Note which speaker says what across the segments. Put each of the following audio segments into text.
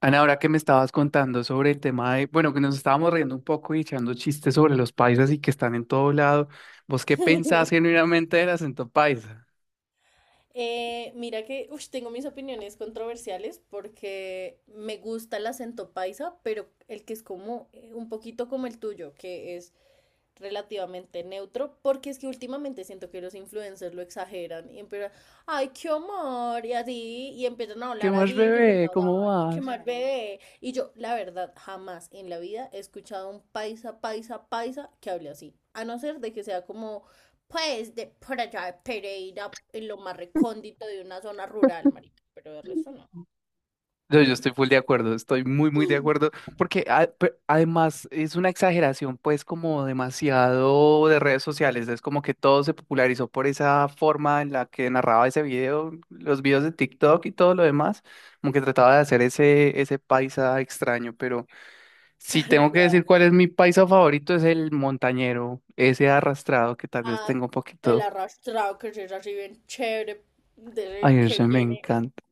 Speaker 1: Ana, ahora que me estabas contando sobre el tema de, bueno, que nos estábamos riendo un poco y echando chistes sobre los paisas y que están en todo lado, ¿vos qué pensás genuinamente del acento paisa?
Speaker 2: Mira que, ush, tengo mis opiniones controversiales porque me gusta el acento paisa, pero el que es como un poquito como el tuyo, que es relativamente neutro, porque es que últimamente siento que los influencers lo exageran y empiezan, ay, qué amor, y así, y empiezan a
Speaker 1: ¿Qué
Speaker 2: hablar
Speaker 1: más,
Speaker 2: así, súper
Speaker 1: bebé? ¿Cómo
Speaker 2: natural, qué
Speaker 1: vas?
Speaker 2: mal bebé. Y yo, la verdad, jamás en la vida he escuchado a un paisa, paisa, paisa que hable así, a no ser de que sea como, pues, de por allá de Pereira, en lo más recóndito de una zona rural, marica, pero de resto no.
Speaker 1: No, yo estoy full de acuerdo, estoy muy, muy de acuerdo, porque además es una exageración, pues, como demasiado de redes sociales, es como que todo se popularizó por esa forma en la que narraba ese video, los videos de TikTok y todo lo demás, como que trataba de hacer ese paisa extraño, pero... Si
Speaker 2: Tal
Speaker 1: tengo que decir
Speaker 2: cual.
Speaker 1: cuál es mi paisa favorito, es el montañero, ese arrastrado que tal vez
Speaker 2: Ah,
Speaker 1: tengo un
Speaker 2: el
Speaker 1: poquito.
Speaker 2: arrastrado que es así bien chévere, desde
Speaker 1: Ay, ese
Speaker 2: que
Speaker 1: me
Speaker 2: viene
Speaker 1: encanta.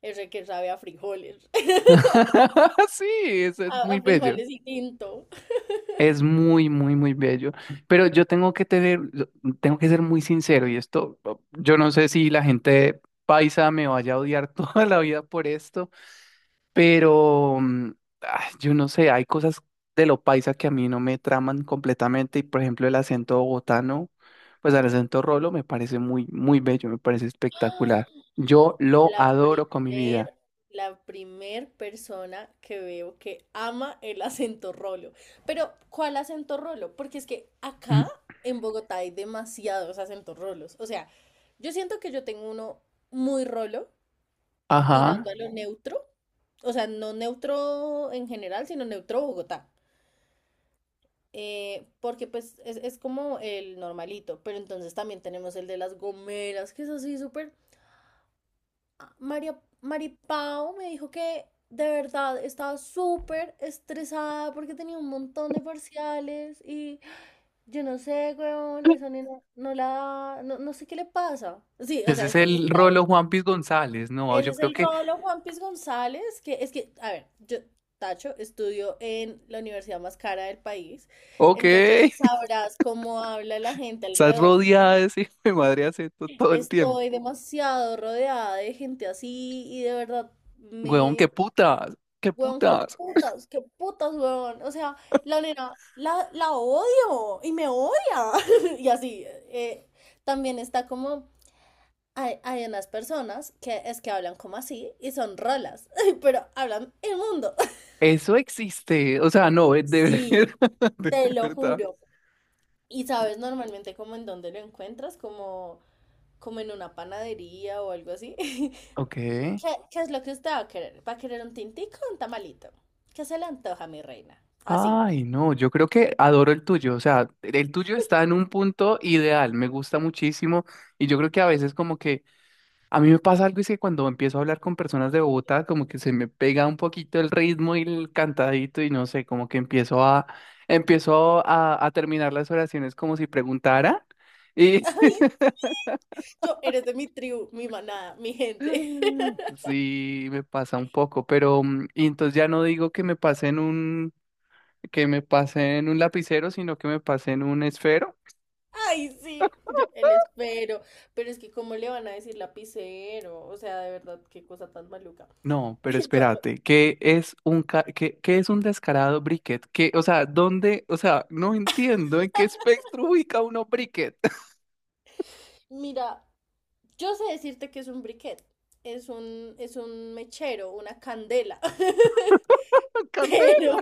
Speaker 2: ese que sabe a frijoles.
Speaker 1: Sí, ese es
Speaker 2: A,
Speaker 1: muy
Speaker 2: a
Speaker 1: bello.
Speaker 2: frijoles y tinto.
Speaker 1: Es muy, muy, muy bello. Pero yo tengo que ser muy sincero y esto, yo no sé si la gente paisa me vaya a odiar toda la vida por esto. Pero yo no sé, hay cosas de lo paisa que a mí no me traman completamente. Y por ejemplo, el acento bogotano, pues el acento rolo me parece muy, muy bello, me parece espectacular. Yo lo
Speaker 2: La
Speaker 1: adoro con mi
Speaker 2: primer,
Speaker 1: vida.
Speaker 2: la primer persona que veo que ama el acento rolo. Pero, ¿cuál acento rolo? Porque es que
Speaker 1: Mm.
Speaker 2: acá en Bogotá hay demasiados acentos rolos. O sea, yo siento que yo tengo uno muy rolo, tirando
Speaker 1: Ajá.
Speaker 2: a lo neutro. O sea, no neutro en general, sino neutro Bogotá. Porque pues es como el normalito, pero entonces también tenemos el de las gomeras, que es así súper... Ah, María, Maripao me dijo que de verdad estaba súper estresada porque tenía un montón de parciales y yo no sé, weón, esa nena no la... No, no sé qué le pasa. Sí, o
Speaker 1: Ese
Speaker 2: sea,
Speaker 1: es
Speaker 2: está,
Speaker 1: el rolo Juanpis González, ¿no?
Speaker 2: ese
Speaker 1: Yo
Speaker 2: es
Speaker 1: creo
Speaker 2: el
Speaker 1: que,
Speaker 2: Rolo Juan Piz González, que es que, a ver, yo, Tacho, estudio en la universidad más cara del país,
Speaker 1: ok,
Speaker 2: entonces sabrás cómo habla la gente
Speaker 1: estás
Speaker 2: alrededor mío.
Speaker 1: rodeada de ese hijo de madre acento todo el tiempo.
Speaker 2: Estoy demasiado rodeada de gente así y de verdad
Speaker 1: Huevón, qué
Speaker 2: me...
Speaker 1: putas, qué
Speaker 2: Weón,
Speaker 1: putas.
Speaker 2: qué putas, weón. O sea, la nena, la odio y me odia. Y así. eh, También está como hay unas personas que es que hablan como así y son rolas, pero hablan el mundo.
Speaker 1: Eso existe, o sea, no, de
Speaker 2: Sí,
Speaker 1: verdad, de
Speaker 2: te lo
Speaker 1: verdad.
Speaker 2: juro. Y sabes normalmente como en dónde lo encuentras, como, como en una panadería o algo así.
Speaker 1: Ok.
Speaker 2: Qué es lo que usted va a querer? ¿Va a querer un tintico o un tamalito? ¿Qué se le antoja, mi reina? Así.
Speaker 1: Ay, no, yo creo que adoro el tuyo. O sea, el tuyo está en un punto ideal, me gusta muchísimo. Y yo creo que a veces como que a mí me pasa algo y es que cuando empiezo a hablar con personas de Bogotá, como que se me pega un poquito el ritmo y el cantadito y no sé, como que empiezo a terminar las oraciones como si preguntara. Y
Speaker 2: Ay, sí, yo eres de mi tribu, mi manada, mi gente.
Speaker 1: sí, me pasa un poco, pero y entonces ya no digo que me pase en un lapicero, sino que me pasé en un esfero.
Speaker 2: Ay, sí, yo el espero, pero es que cómo le van a decir lapicero, o sea, de verdad, qué cosa tan maluca.
Speaker 1: No, pero
Speaker 2: Yo,
Speaker 1: espérate, ¿qué, qué es un descarado briquet? ¿Qué, o sea, dónde, o sea, no entiendo en qué espectro ubica uno briquet.
Speaker 2: mira, yo sé decirte que es un briquet, es un mechero, una candela,
Speaker 1: ¿Candela?
Speaker 2: pero,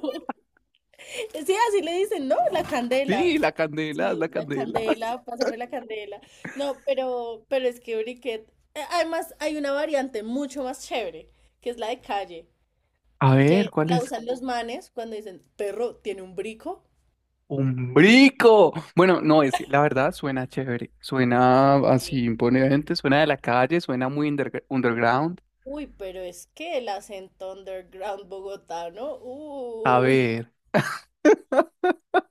Speaker 2: sí, así le dicen, ¿no? La candela,
Speaker 1: Sí, la candela,
Speaker 2: sí,
Speaker 1: la
Speaker 2: la
Speaker 1: candela.
Speaker 2: candela, pásame la candela. No, pero, es que briquet, además hay una variante mucho más chévere, que es la de calle,
Speaker 1: A ver,
Speaker 2: que
Speaker 1: ¿cuál
Speaker 2: la
Speaker 1: es?
Speaker 2: usan los manes cuando dicen, perro, tiene un brico.
Speaker 1: Un brico. Bueno, no, es, la verdad suena chévere, suena así imponente, suena de la calle, suena muy underground.
Speaker 2: Uy, pero es que el acento underground bogotano,
Speaker 1: A
Speaker 2: uy.
Speaker 1: ver,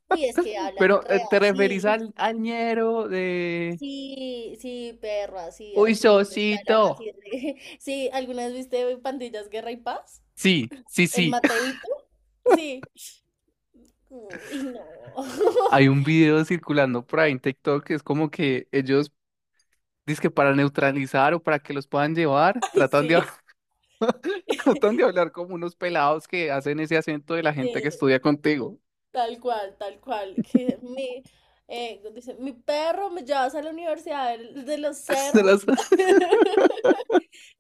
Speaker 2: Uy, es que hablan
Speaker 1: pero
Speaker 2: re
Speaker 1: ¿te
Speaker 2: así.
Speaker 1: referís al, al ñero de...?
Speaker 2: Sí, sí, perro, así,
Speaker 1: Uy,
Speaker 2: así, ellos que hablan
Speaker 1: Sosito.
Speaker 2: así. Re- sí, ¿alguna vez viste Pandillas Guerra y Paz?
Speaker 1: Sí, sí,
Speaker 2: ¿El
Speaker 1: sí.
Speaker 2: Mateito? Sí. Uy, no.
Speaker 1: Hay un video circulando por ahí en TikTok que es como que ellos, dicen que para neutralizar o para que los puedan llevar,
Speaker 2: Ay,
Speaker 1: tratan de, hab-
Speaker 2: sí,
Speaker 1: tratan de hablar como unos pelados que hacen ese acento de la gente que
Speaker 2: sí.
Speaker 1: estudia contigo.
Speaker 2: Tal cual, tal cual. Que mi, dice, mi perro me llevas a la universidad del- de los
Speaker 1: Se
Speaker 2: cerros.
Speaker 1: las-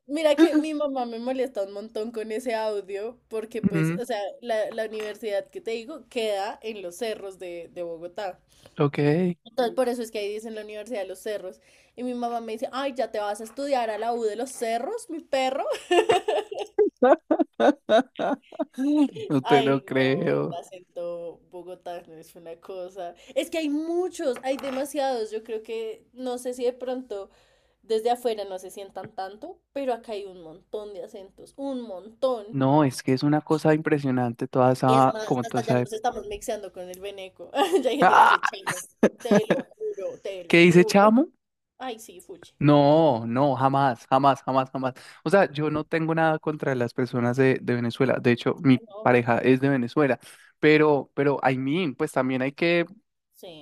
Speaker 2: Mira que mi mamá me molesta un montón con ese audio porque pues,
Speaker 1: Mm,
Speaker 2: o sea, la universidad que te digo queda en los cerros de Bogotá.
Speaker 1: ok,
Speaker 2: Entonces, por eso es que ahí dicen la Universidad de los Cerros. Y mi mamá me dice, ay, ya te vas a estudiar a la U de los Cerros, mi perro.
Speaker 1: no te lo
Speaker 2: Ay, no, el
Speaker 1: creo.
Speaker 2: acento bogotano es una cosa. Es que hay muchos, hay demasiados. Yo creo que, no sé si de pronto desde afuera no se sientan tanto, pero acá hay un montón de acentos, un montón.
Speaker 1: No, es que es una cosa impresionante toda
Speaker 2: Es
Speaker 1: esa,
Speaker 2: más,
Speaker 1: como toda
Speaker 2: hasta ya
Speaker 1: esa...
Speaker 2: nos estamos mixeando con el veneco. Ya hay gente que dice
Speaker 1: ¡Ah!
Speaker 2: chino. Te lo juro, te lo
Speaker 1: ¿Qué dice
Speaker 2: juro.
Speaker 1: Chamo?
Speaker 2: Ay, sí, fuchi.
Speaker 1: No, no, jamás, jamás, jamás, jamás. O sea, yo no tengo nada contra las personas de Venezuela. De hecho,
Speaker 2: Ah,
Speaker 1: mi
Speaker 2: no,
Speaker 1: pareja es de Venezuela. Pero, I mean, pues también hay que,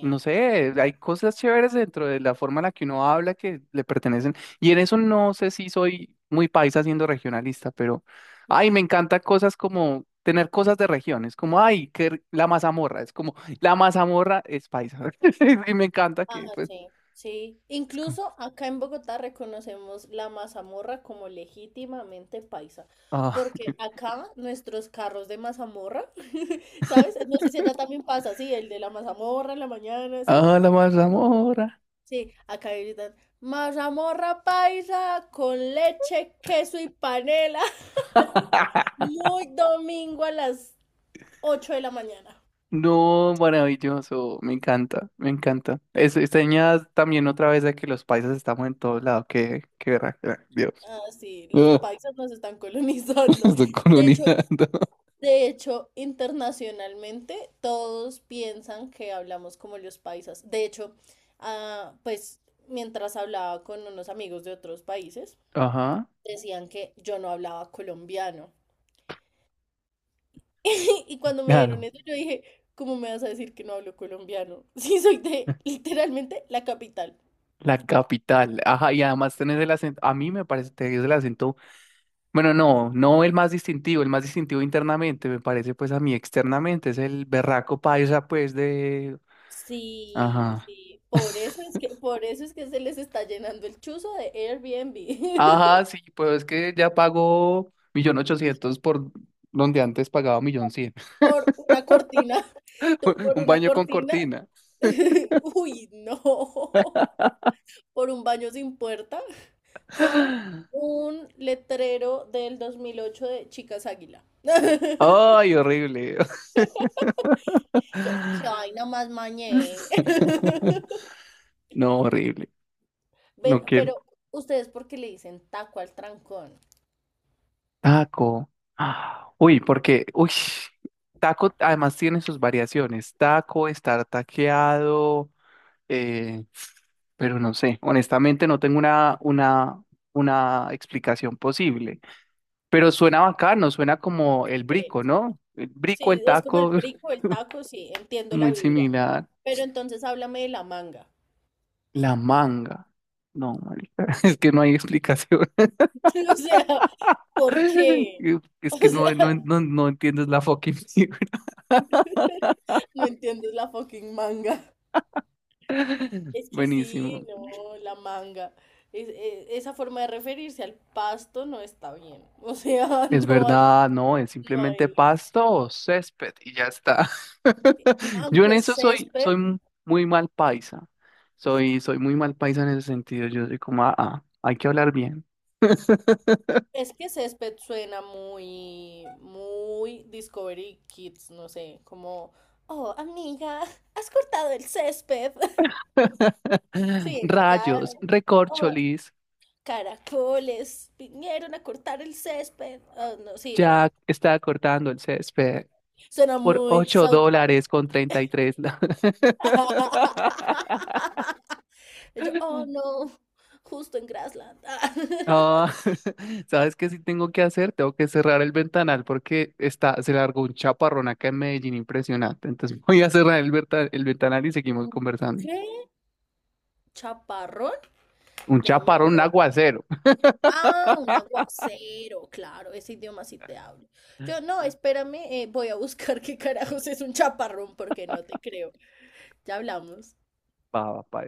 Speaker 1: no sé, hay cosas chéveres dentro de la forma en la que uno habla que le pertenecen. Y en eso no sé si soy muy paisa siendo regionalista, pero, ay, me encanta cosas como tener cosas de regiones, como, ay, la mazamorra, es como, la mazamorra es paisa. Y me encanta
Speaker 2: Ah,
Speaker 1: que, pues,
Speaker 2: sí, sí.
Speaker 1: es como,
Speaker 2: Incluso acá en Bogotá reconocemos la mazamorra como legítimamente paisa.
Speaker 1: ah.
Speaker 2: Porque acá nuestros carros de mazamorra, ¿sabes? No sé si allá también pasa, sí, el de la mazamorra en la mañana, ¿sí?
Speaker 1: Hola, Mazamorra.
Speaker 2: Sí, acá gritan, mazamorra paisa con leche, queso y panela. Muy domingo a las 8 de la mañana.
Speaker 1: No, maravilloso, me encanta, me encanta. Es, esta niña también otra vez de que los paisas estamos en todos lados, que, qué verá, Dios.
Speaker 2: Ah, sí, los
Speaker 1: Ah,
Speaker 2: paisas nos están colonizando.
Speaker 1: estoy
Speaker 2: De hecho,
Speaker 1: colonizando.
Speaker 2: de hecho, internacionalmente todos piensan que hablamos como los paisas. De hecho, pues mientras hablaba con unos amigos de otros países,
Speaker 1: Ajá,
Speaker 2: decían que yo no hablaba colombiano. Y cuando me dieron
Speaker 1: claro,
Speaker 2: eso, yo dije, ¿cómo me vas a decir que no hablo colombiano? Sí, soy de literalmente la capital.
Speaker 1: la capital. Ajá, y además tenés el acento, a mí me parece, tenés el acento, bueno, no, no el más distintivo, el más distintivo internamente, me parece pues a mí externamente, es el berraco paisa pues de...
Speaker 2: Sí,
Speaker 1: Ajá.
Speaker 2: sí, por eso es que se les está llenando el chuzo de
Speaker 1: Ajá,
Speaker 2: Airbnb.
Speaker 1: sí, pues es que ya pago 1.800.000 por donde antes pagaba 1.100.000.
Speaker 2: Por una cortina, tú, por
Speaker 1: Un
Speaker 2: una
Speaker 1: baño con
Speaker 2: cortina.
Speaker 1: cortina.
Speaker 2: Uy, no. Por un baño sin puerta con un letrero del 2008 de Chicas Águila.
Speaker 1: Ay, horrible.
Speaker 2: Yo, qué vaina más mañé.
Speaker 1: No, horrible.
Speaker 2: Ven,
Speaker 1: No quiero.
Speaker 2: pero ustedes, ¿por qué le dicen taco al trancón?
Speaker 1: Taco. Ah, uy, porque, uy, taco además tiene sus variaciones. Taco, estar taqueado, eh, pero no sé. Honestamente, no tengo una explicación posible. Pero
Speaker 2: Ok.
Speaker 1: suena bacano, suena como el brico,
Speaker 2: Sí,
Speaker 1: ¿no? El brico, el
Speaker 2: sí, es como el
Speaker 1: taco,
Speaker 2: brico, el taco, sí, entiendo la
Speaker 1: muy
Speaker 2: vibra.
Speaker 1: similar.
Speaker 2: Pero entonces háblame de la manga.
Speaker 1: La manga. No, marica, es que no hay explicación.
Speaker 2: O sea, ¿por qué?
Speaker 1: Es
Speaker 2: O
Speaker 1: que no,
Speaker 2: sea,
Speaker 1: no, no, no entiendes la fucking figura.
Speaker 2: no entiendes la fucking manga. Es que sí,
Speaker 1: Buenísimo.
Speaker 2: no, la manga. Esa forma de referirse al pasto no está bien. O sea,
Speaker 1: Es verdad, no, es
Speaker 2: no
Speaker 1: simplemente
Speaker 2: hay.
Speaker 1: pasto o césped y ya está. Yo en
Speaker 2: Aunque
Speaker 1: eso
Speaker 2: césped,
Speaker 1: muy mal paisa. Soy muy mal paisa en ese sentido. Yo soy como, ah, ah, hay que hablar bien.
Speaker 2: es que césped suena muy, muy Discovery Kids, no sé, como, oh, amiga, has cortado el césped. Sí, no, ya.
Speaker 1: Rayos,
Speaker 2: "Oh,
Speaker 1: recorcholis,
Speaker 2: Caracoles vinieron a cortar el césped. Ah, no, sí, no.
Speaker 1: Jack está cortando el césped
Speaker 2: Suena
Speaker 1: por
Speaker 2: muy South Park.
Speaker 1: ocho dólares con 33. La-
Speaker 2: Y yo, oh no, justo en Grassland.
Speaker 1: Ah, ¿sabes qué sí tengo que hacer? Tengo que cerrar el ventanal porque está, se largó un chaparrón acá en Medellín impresionante. Entonces voy a cerrar el ventanal y seguimos
Speaker 2: ¿Un
Speaker 1: conversando.
Speaker 2: qué? ¿Chaparrón?
Speaker 1: Un
Speaker 2: Déjame
Speaker 1: chaparrón,
Speaker 2: voy
Speaker 1: un
Speaker 2: a-
Speaker 1: aguacero.
Speaker 2: Ah, un aguacero, claro, ese idioma sí te hablo. Yo, no, espérame, voy a buscar qué carajos es un chaparrón porque no te creo. Ya hablamos.
Speaker 1: Va, va, pa-